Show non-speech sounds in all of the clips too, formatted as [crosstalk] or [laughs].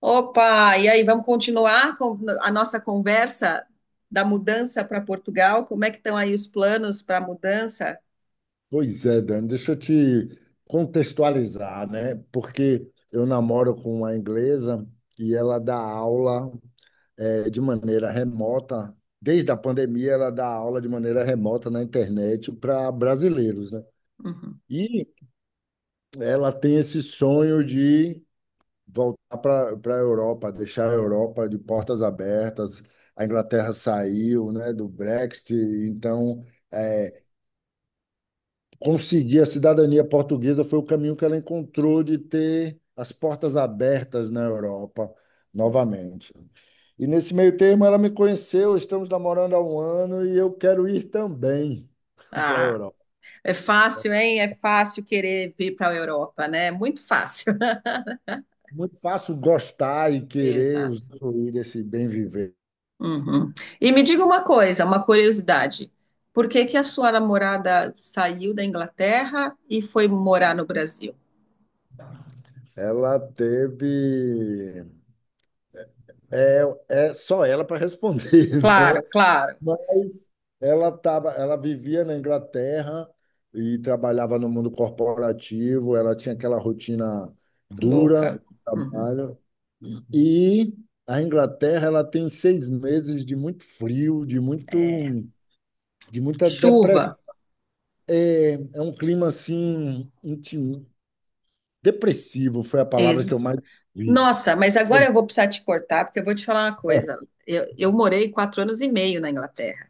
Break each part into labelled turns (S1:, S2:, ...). S1: Opa, e aí, vamos continuar com a nossa conversa da mudança para Portugal? Como é que estão aí os planos para a mudança?
S2: Pois é, Dani, deixa eu te contextualizar, né? Porque eu namoro com uma inglesa e ela dá aula de maneira remota. Desde a pandemia, ela dá aula de maneira remota na internet para brasileiros, né?
S1: Uhum.
S2: E ela tem esse sonho de voltar para a Europa, deixar a Europa de portas abertas. A Inglaterra saiu, né, do Brexit, então eh, conseguir a cidadania portuguesa foi o caminho que ela encontrou de ter as portas abertas na Europa novamente. E nesse meio termo ela me conheceu, estamos namorando há um ano e eu quero ir também [laughs] para a
S1: Ah,
S2: Europa.
S1: é fácil, hein? É fácil querer vir para a Europa, né? Muito fácil. [laughs]
S2: Muito fácil gostar e querer
S1: Exato.
S2: usufruir desse bem viver.
S1: Uhum. E me diga uma coisa, uma curiosidade. Por que que a sua namorada saiu da Inglaterra e foi morar no Brasil?
S2: Ela teve. É, é só ela para responder, [laughs]
S1: Claro,
S2: né?
S1: claro.
S2: Mas ela vivia na Inglaterra e trabalhava no mundo corporativo, ela tinha aquela rotina dura
S1: Louca.
S2: de
S1: Uhum.
S2: trabalho. E a Inglaterra, ela tem 6 meses de muito frio,
S1: É.
S2: de muita depressão.
S1: Chuva.
S2: É um clima assim, depressivo foi a palavra que eu mais vi.
S1: Nossa, mas agora eu vou precisar te cortar, porque eu vou te falar uma coisa.
S2: [laughs]
S1: Eu morei 4 anos e meio na Inglaterra.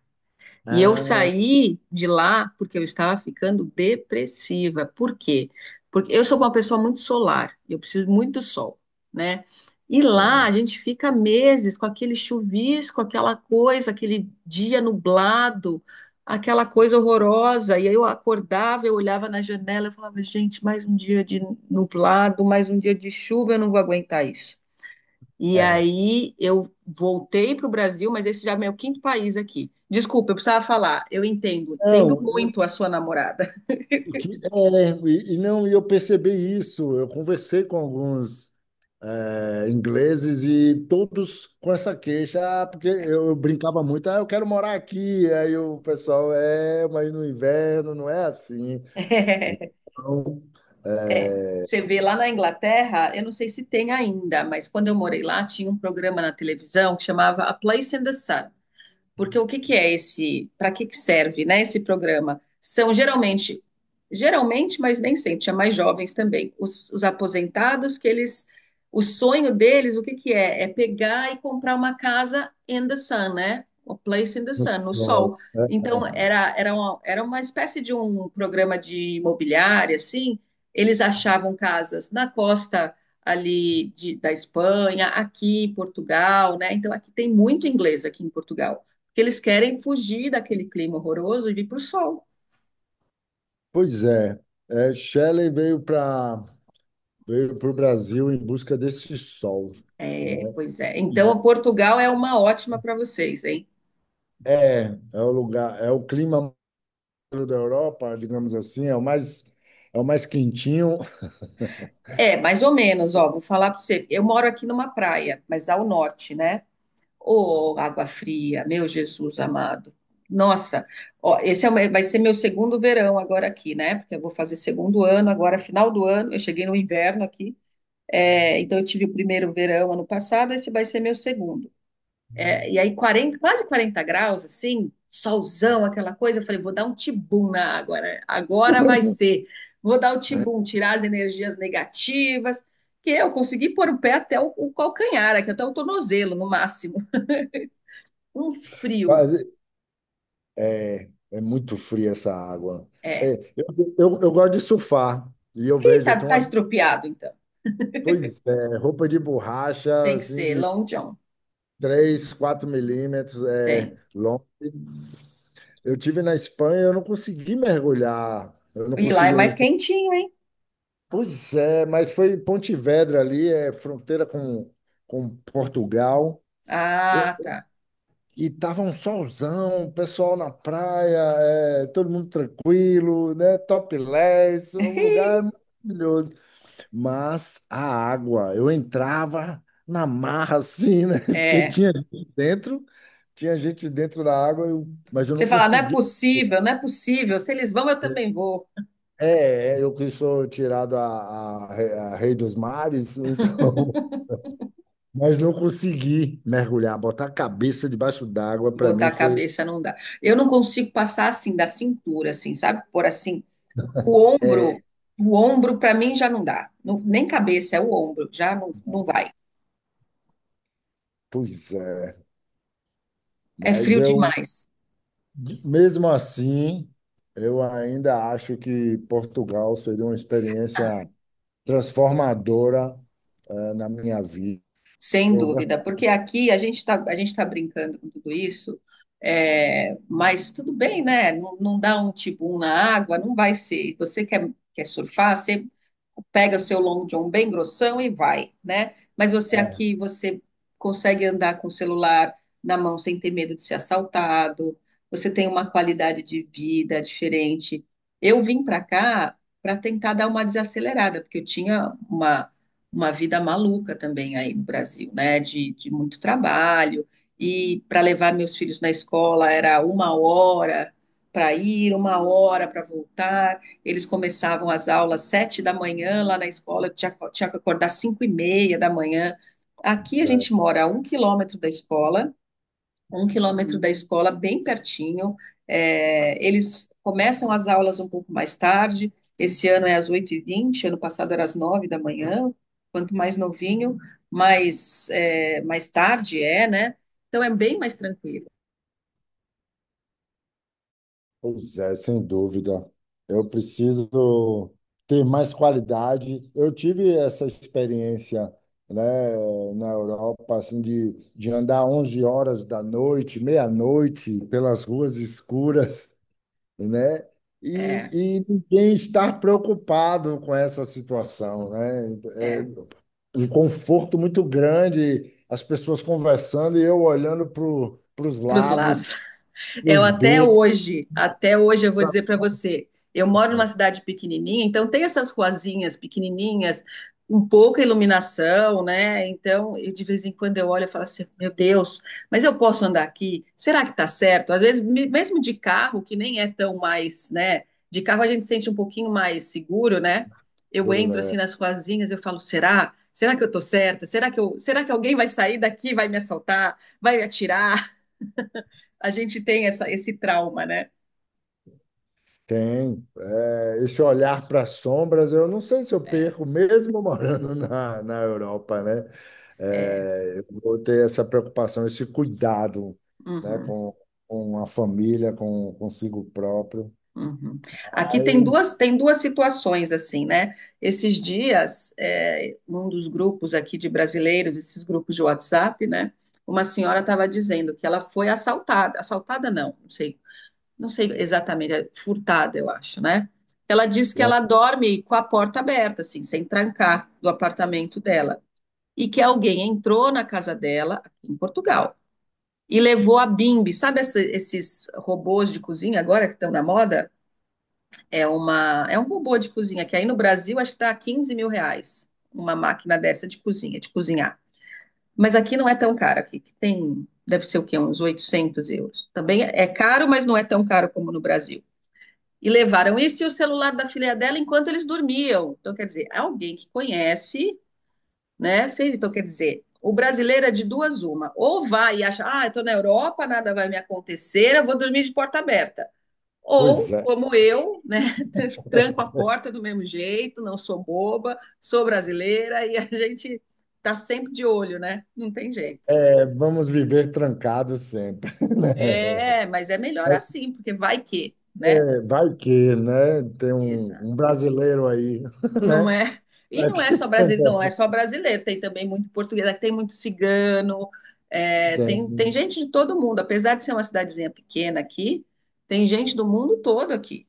S1: E eu
S2: Ah,
S1: saí de lá porque eu estava ficando depressiva. Por quê? Porque eu sou uma pessoa muito solar, eu preciso muito do sol, né? E lá a
S2: certo.
S1: gente fica meses com aquele chuvisco, aquela coisa, aquele dia nublado, aquela coisa horrorosa. E aí eu acordava, eu olhava na janela, e falava, gente, mais um dia de nublado, mais um dia de chuva, eu não vou aguentar isso. E
S2: É.
S1: aí eu voltei para o Brasil, mas esse já é meu quinto país aqui. Desculpa, eu precisava falar. Eu entendo, entendo
S2: Não.
S1: muito a sua namorada.
S2: E é, e não, e eu percebi isso. Eu conversei com alguns ingleses e todos com essa queixa, ah, porque eu brincava muito, ah, eu quero morar aqui. Aí o pessoal, mas no inverno não é assim.
S1: [laughs]
S2: Então, é,
S1: Você vê lá na Inglaterra, eu não sei se tem ainda, mas quando eu morei lá, tinha um programa na televisão que chamava A Place in the Sun. Porque o que que é esse, para que que serve, né, esse programa? São geralmente, mas nem sempre, tinha mais jovens também, os aposentados que eles, o sonho deles, o que que é? É pegar e comprar uma casa in the sun, né? A place in the
S2: no
S1: sun, no
S2: sol,
S1: sol.
S2: né?
S1: Então, era uma espécie de um programa de imobiliária, assim, eles achavam casas na costa ali de- da Espanha, aqui em Portugal, né? Então, aqui tem muito inglês aqui em Portugal que eles querem fugir daquele clima horroroso e vir para o sol.
S2: Pois é, Shelley veio para o Brasil em busca desse sol,
S1: É,
S2: né?
S1: pois é.
S2: E
S1: Então, Portugal é uma ótima para vocês, hein?
S2: é o lugar, é o clima centro da Europa, digamos assim, é o mais quentinho.
S1: É, mais ou menos, ó, vou falar para você. Eu moro aqui numa praia, mas ao norte, né? Ô, água fria, meu Jesus amado. Nossa, ó, esse é o vai ser meu segundo verão agora aqui, né? Porque eu vou fazer segundo ano agora, final do ano. Eu cheguei no inverno aqui, é, então eu tive o primeiro verão ano passado, esse vai ser meu segundo. É, e aí 40, quase 40 graus, assim, solzão, aquela coisa, eu falei, vou dar um tibum na água, né? Agora vai ser. Vou dar o tibum, tirar as energias negativas, que eu consegui pôr o pé até o calcanhar, aqui até o tornozelo, no máximo. [laughs] Um
S2: [laughs]
S1: frio,
S2: Mas é muito fria essa água.
S1: é.
S2: É, eu gosto de surfar e
S1: E tá,
S2: eu tenho
S1: tá
S2: uma,
S1: estropiado, então.
S2: pois é, roupa de borracha,
S1: Tem que
S2: assim,
S1: ser
S2: de
S1: Long John,
S2: 3 4 milímetros, é
S1: tem.
S2: longa. Eu tive na Espanha, eu não consegui mergulhar, eu não
S1: E lá é mais
S2: consegui.
S1: quentinho, hein?
S2: Pois é, mas foi em Pontevedra ali, é fronteira com Portugal.
S1: Ah, tá.
S2: E tava um solzão, o pessoal na praia, todo mundo tranquilo, né? Topless, um lugar
S1: [laughs]
S2: maravilhoso. Mas a água, eu entrava na marra assim, né? [laughs] Porque
S1: É.
S2: tinha gente dentro da água, mas eu não
S1: Você fala, não é
S2: conseguia.
S1: possível, não é possível. Se eles vão, eu também vou.
S2: É, eu que sou tirado a rei dos mares, então, [laughs] mas não consegui mergulhar, botar a cabeça debaixo d'água, para
S1: Botar
S2: mim
S1: a
S2: foi.
S1: cabeça não dá. Eu não consigo passar assim da cintura, assim, sabe? Por assim, o ombro,
S2: É,
S1: o ombro para mim já não dá. Não- nem cabeça, é o ombro, já não, não vai.
S2: pois é.
S1: É
S2: Mas
S1: frio
S2: eu,
S1: demais.
S2: mesmo assim, eu ainda acho que Portugal seria uma experiência transformadora, na minha vida.
S1: Sem
S2: Eu,
S1: dúvida, porque aqui a gente tá brincando com tudo isso, é, mas tudo bem, né? Não, não dá um tibum na água, não vai ser. Você quer surfar, você pega o seu long john bem grossão e vai, né? Mas você
S2: é,
S1: aqui, você consegue andar com o celular na mão sem ter medo de ser assaltado, você tem uma qualidade de vida diferente. Eu vim para cá para tentar dar uma desacelerada, porque eu tinha uma vida maluca também aí no Brasil, né? De muito trabalho. E para levar meus filhos na escola era 1 hora para ir, 1 hora para voltar. Eles começavam as aulas 7 da manhã lá na escola, eu tinha que acordar 5h30 da manhã. Aqui a
S2: Zé,
S1: gente mora a 1 km da escola, 1 km da escola, bem pertinho. É, eles começam as aulas um pouco mais tarde. Esse ano é às 8h20 ano passado era às 9 da manhã. Quanto mais novinho, mais, é, mais tarde é, né? Então é bem mais tranquilo.
S2: pois é, sem dúvida. Eu preciso ter mais qualidade. Eu tive essa experiência, né, na Europa, assim, de andar 11 horas da noite, meia-noite, pelas ruas escuras, né?
S1: É,
S2: E ninguém estar preocupado com essa situação, né? É
S1: é,
S2: um conforto muito grande, as pessoas conversando e eu olhando para os
S1: para os
S2: lados,
S1: lados.
S2: para
S1: Eu
S2: os becos,
S1: até hoje eu vou
S2: para
S1: dizer
S2: as
S1: para você, eu moro numa cidade pequenininha, então tem essas ruazinhas pequenininhas, um pouca iluminação, né? Então, eu, de vez em quando eu olho e falo assim, meu Deus, mas eu posso andar aqui? Será que tá certo? Às vezes, me- mesmo de carro, que nem é tão mais, né? De carro a gente sente um pouquinho mais seguro, né? Eu
S2: sombras,
S1: entro assim
S2: né?
S1: nas ruazinhas, eu falo, será? Será que eu tô certa? Será que eu, será que alguém vai sair daqui, e vai me assaltar, vai me atirar? A gente tem essa, esse trauma, né?
S2: Tem. É, esse olhar para as sombras, eu não sei se eu
S1: É.
S2: perco, mesmo [laughs] morando na Europa, né?
S1: É.
S2: É, eu vou ter essa preocupação, esse cuidado, né,
S1: Uhum,
S2: com a família, com consigo próprio.
S1: uhum. Aqui tem
S2: Mas
S1: duas situações assim, né? Esses dias, é, um dos grupos aqui de brasileiros, esses grupos de WhatsApp, né? Uma senhora estava dizendo que ela foi assaltada, assaltada não, não sei, não sei exatamente, é furtada, eu acho, né? Ela diz que ela dorme com a porta aberta, assim, sem trancar do apartamento dela, e que alguém entrou na casa dela aqui em Portugal e levou a Bimbi. Sabe essa- esses robôs de cozinha agora que estão na moda? É uma, é um robô de cozinha que aí no Brasil acho que está a R$ 15.000 uma máquina dessa de cozinha, de cozinhar. Mas aqui não é tão caro, aqui que tem, deve ser o quê? Uns 800 euros. Também é caro, mas não é tão caro como no Brasil. E levaram isso e o celular da filha dela enquanto eles dormiam. Então, quer dizer, alguém que conhece né? Fez, então quer dizer, o brasileiro é de duas uma, ou vai e acha, ah, eu estou na Europa, nada vai me acontecer, eu vou dormir de porta aberta. Ou,
S2: pois é,
S1: como eu, né, [laughs] tranco a porta do mesmo jeito, não sou boba, sou brasileira e a gente tá sempre de olho, né? Não tem jeito.
S2: Vamos viver trancados sempre, [laughs] né?
S1: É, mas é melhor
S2: Mas,
S1: assim, porque vai que, né?
S2: Vai que, né? Tem
S1: Exato.
S2: um brasileiro aí, [laughs]
S1: Não
S2: né?
S1: é? E
S2: Vai
S1: não
S2: que [laughs]
S1: é só
S2: tem um
S1: brasileiro, não é
S2: bom.
S1: só brasileiro, tem também muito português, aqui tem muito cigano, é, tem
S2: Tem.
S1: gente de todo mundo, apesar de ser uma cidadezinha pequena aqui, tem gente do mundo todo aqui.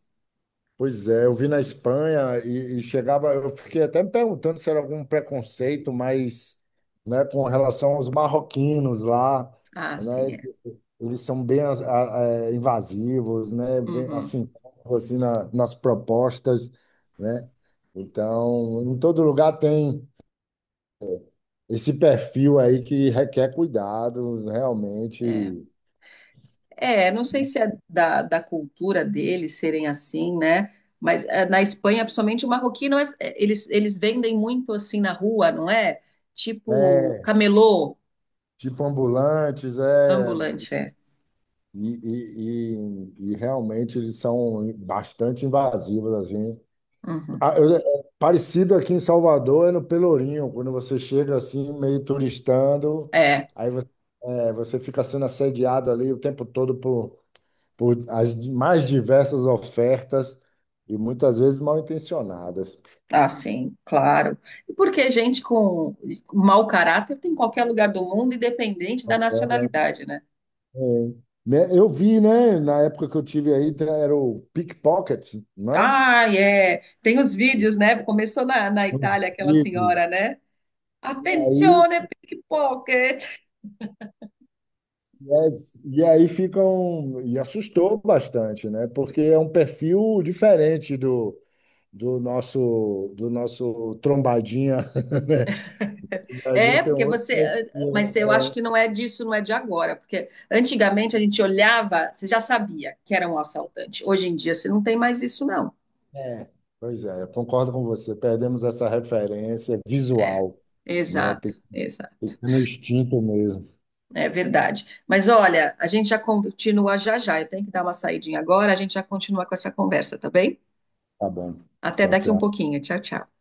S2: Pois é, eu vi na Espanha e chegava, eu fiquei até me perguntando se era algum preconceito, mas, né, com relação aos marroquinos lá,
S1: Ah, sim,
S2: né?
S1: é.
S2: Eles são bem invasivos, né? Bem,
S1: Uhum,
S2: assim, nas propostas, né? Então, em todo lugar tem esse perfil aí que requer cuidados,
S1: é.
S2: realmente.
S1: É, não sei se é da cultura deles serem assim, né? Mas é, na Espanha, principalmente o marroquino, eles, vendem muito assim na rua, não é? Tipo
S2: É,
S1: camelô
S2: tipo ambulantes, é,
S1: ambulante, é.
S2: e, e, e, e realmente eles são bastante invasivos, assim.
S1: Uhum.
S2: Ah, é parecido aqui em Salvador, é no Pelourinho, quando você chega assim, meio turistando,
S1: É.
S2: aí você fica sendo assediado ali o tempo todo por as mais diversas ofertas e muitas vezes mal intencionadas.
S1: Ah, sim, claro. E porque gente com mau caráter tem em qualquer lugar do mundo, independente da nacionalidade, né?
S2: É, né, eu vi, né, na época que eu tive aí, era o pickpocket, né?
S1: Ah, é. Tem os vídeos, né? Começou na
S2: Os
S1: Itália aquela senhora,
S2: livros.
S1: né?
S2: Aí,
S1: Attenzione, pickpocket.
S2: yes, e aí ficam, e assustou bastante, né? Porque é um perfil diferente do nosso trombadinha, [laughs] né? Trombadinha
S1: É,
S2: tem um
S1: porque
S2: outro
S1: você. Mas
S2: perfil.
S1: eu acho
S2: É,
S1: que não é disso, não é de agora. Porque antigamente a gente olhava, você já sabia que era um assaltante. Hoje em dia você não tem mais isso, não.
S2: é. é, Pois é, eu concordo com você. Perdemos essa referência
S1: É,
S2: visual, né? Tem,
S1: exato,
S2: tem que
S1: exato.
S2: ser no instinto mesmo.
S1: É verdade. Mas olha, a gente já continua já já. Eu tenho que dar uma saidinha agora, a gente já continua com essa conversa, tá bem?
S2: Tá bom.
S1: Até
S2: Tchau,
S1: daqui um
S2: tchau.
S1: pouquinho. Tchau, tchau.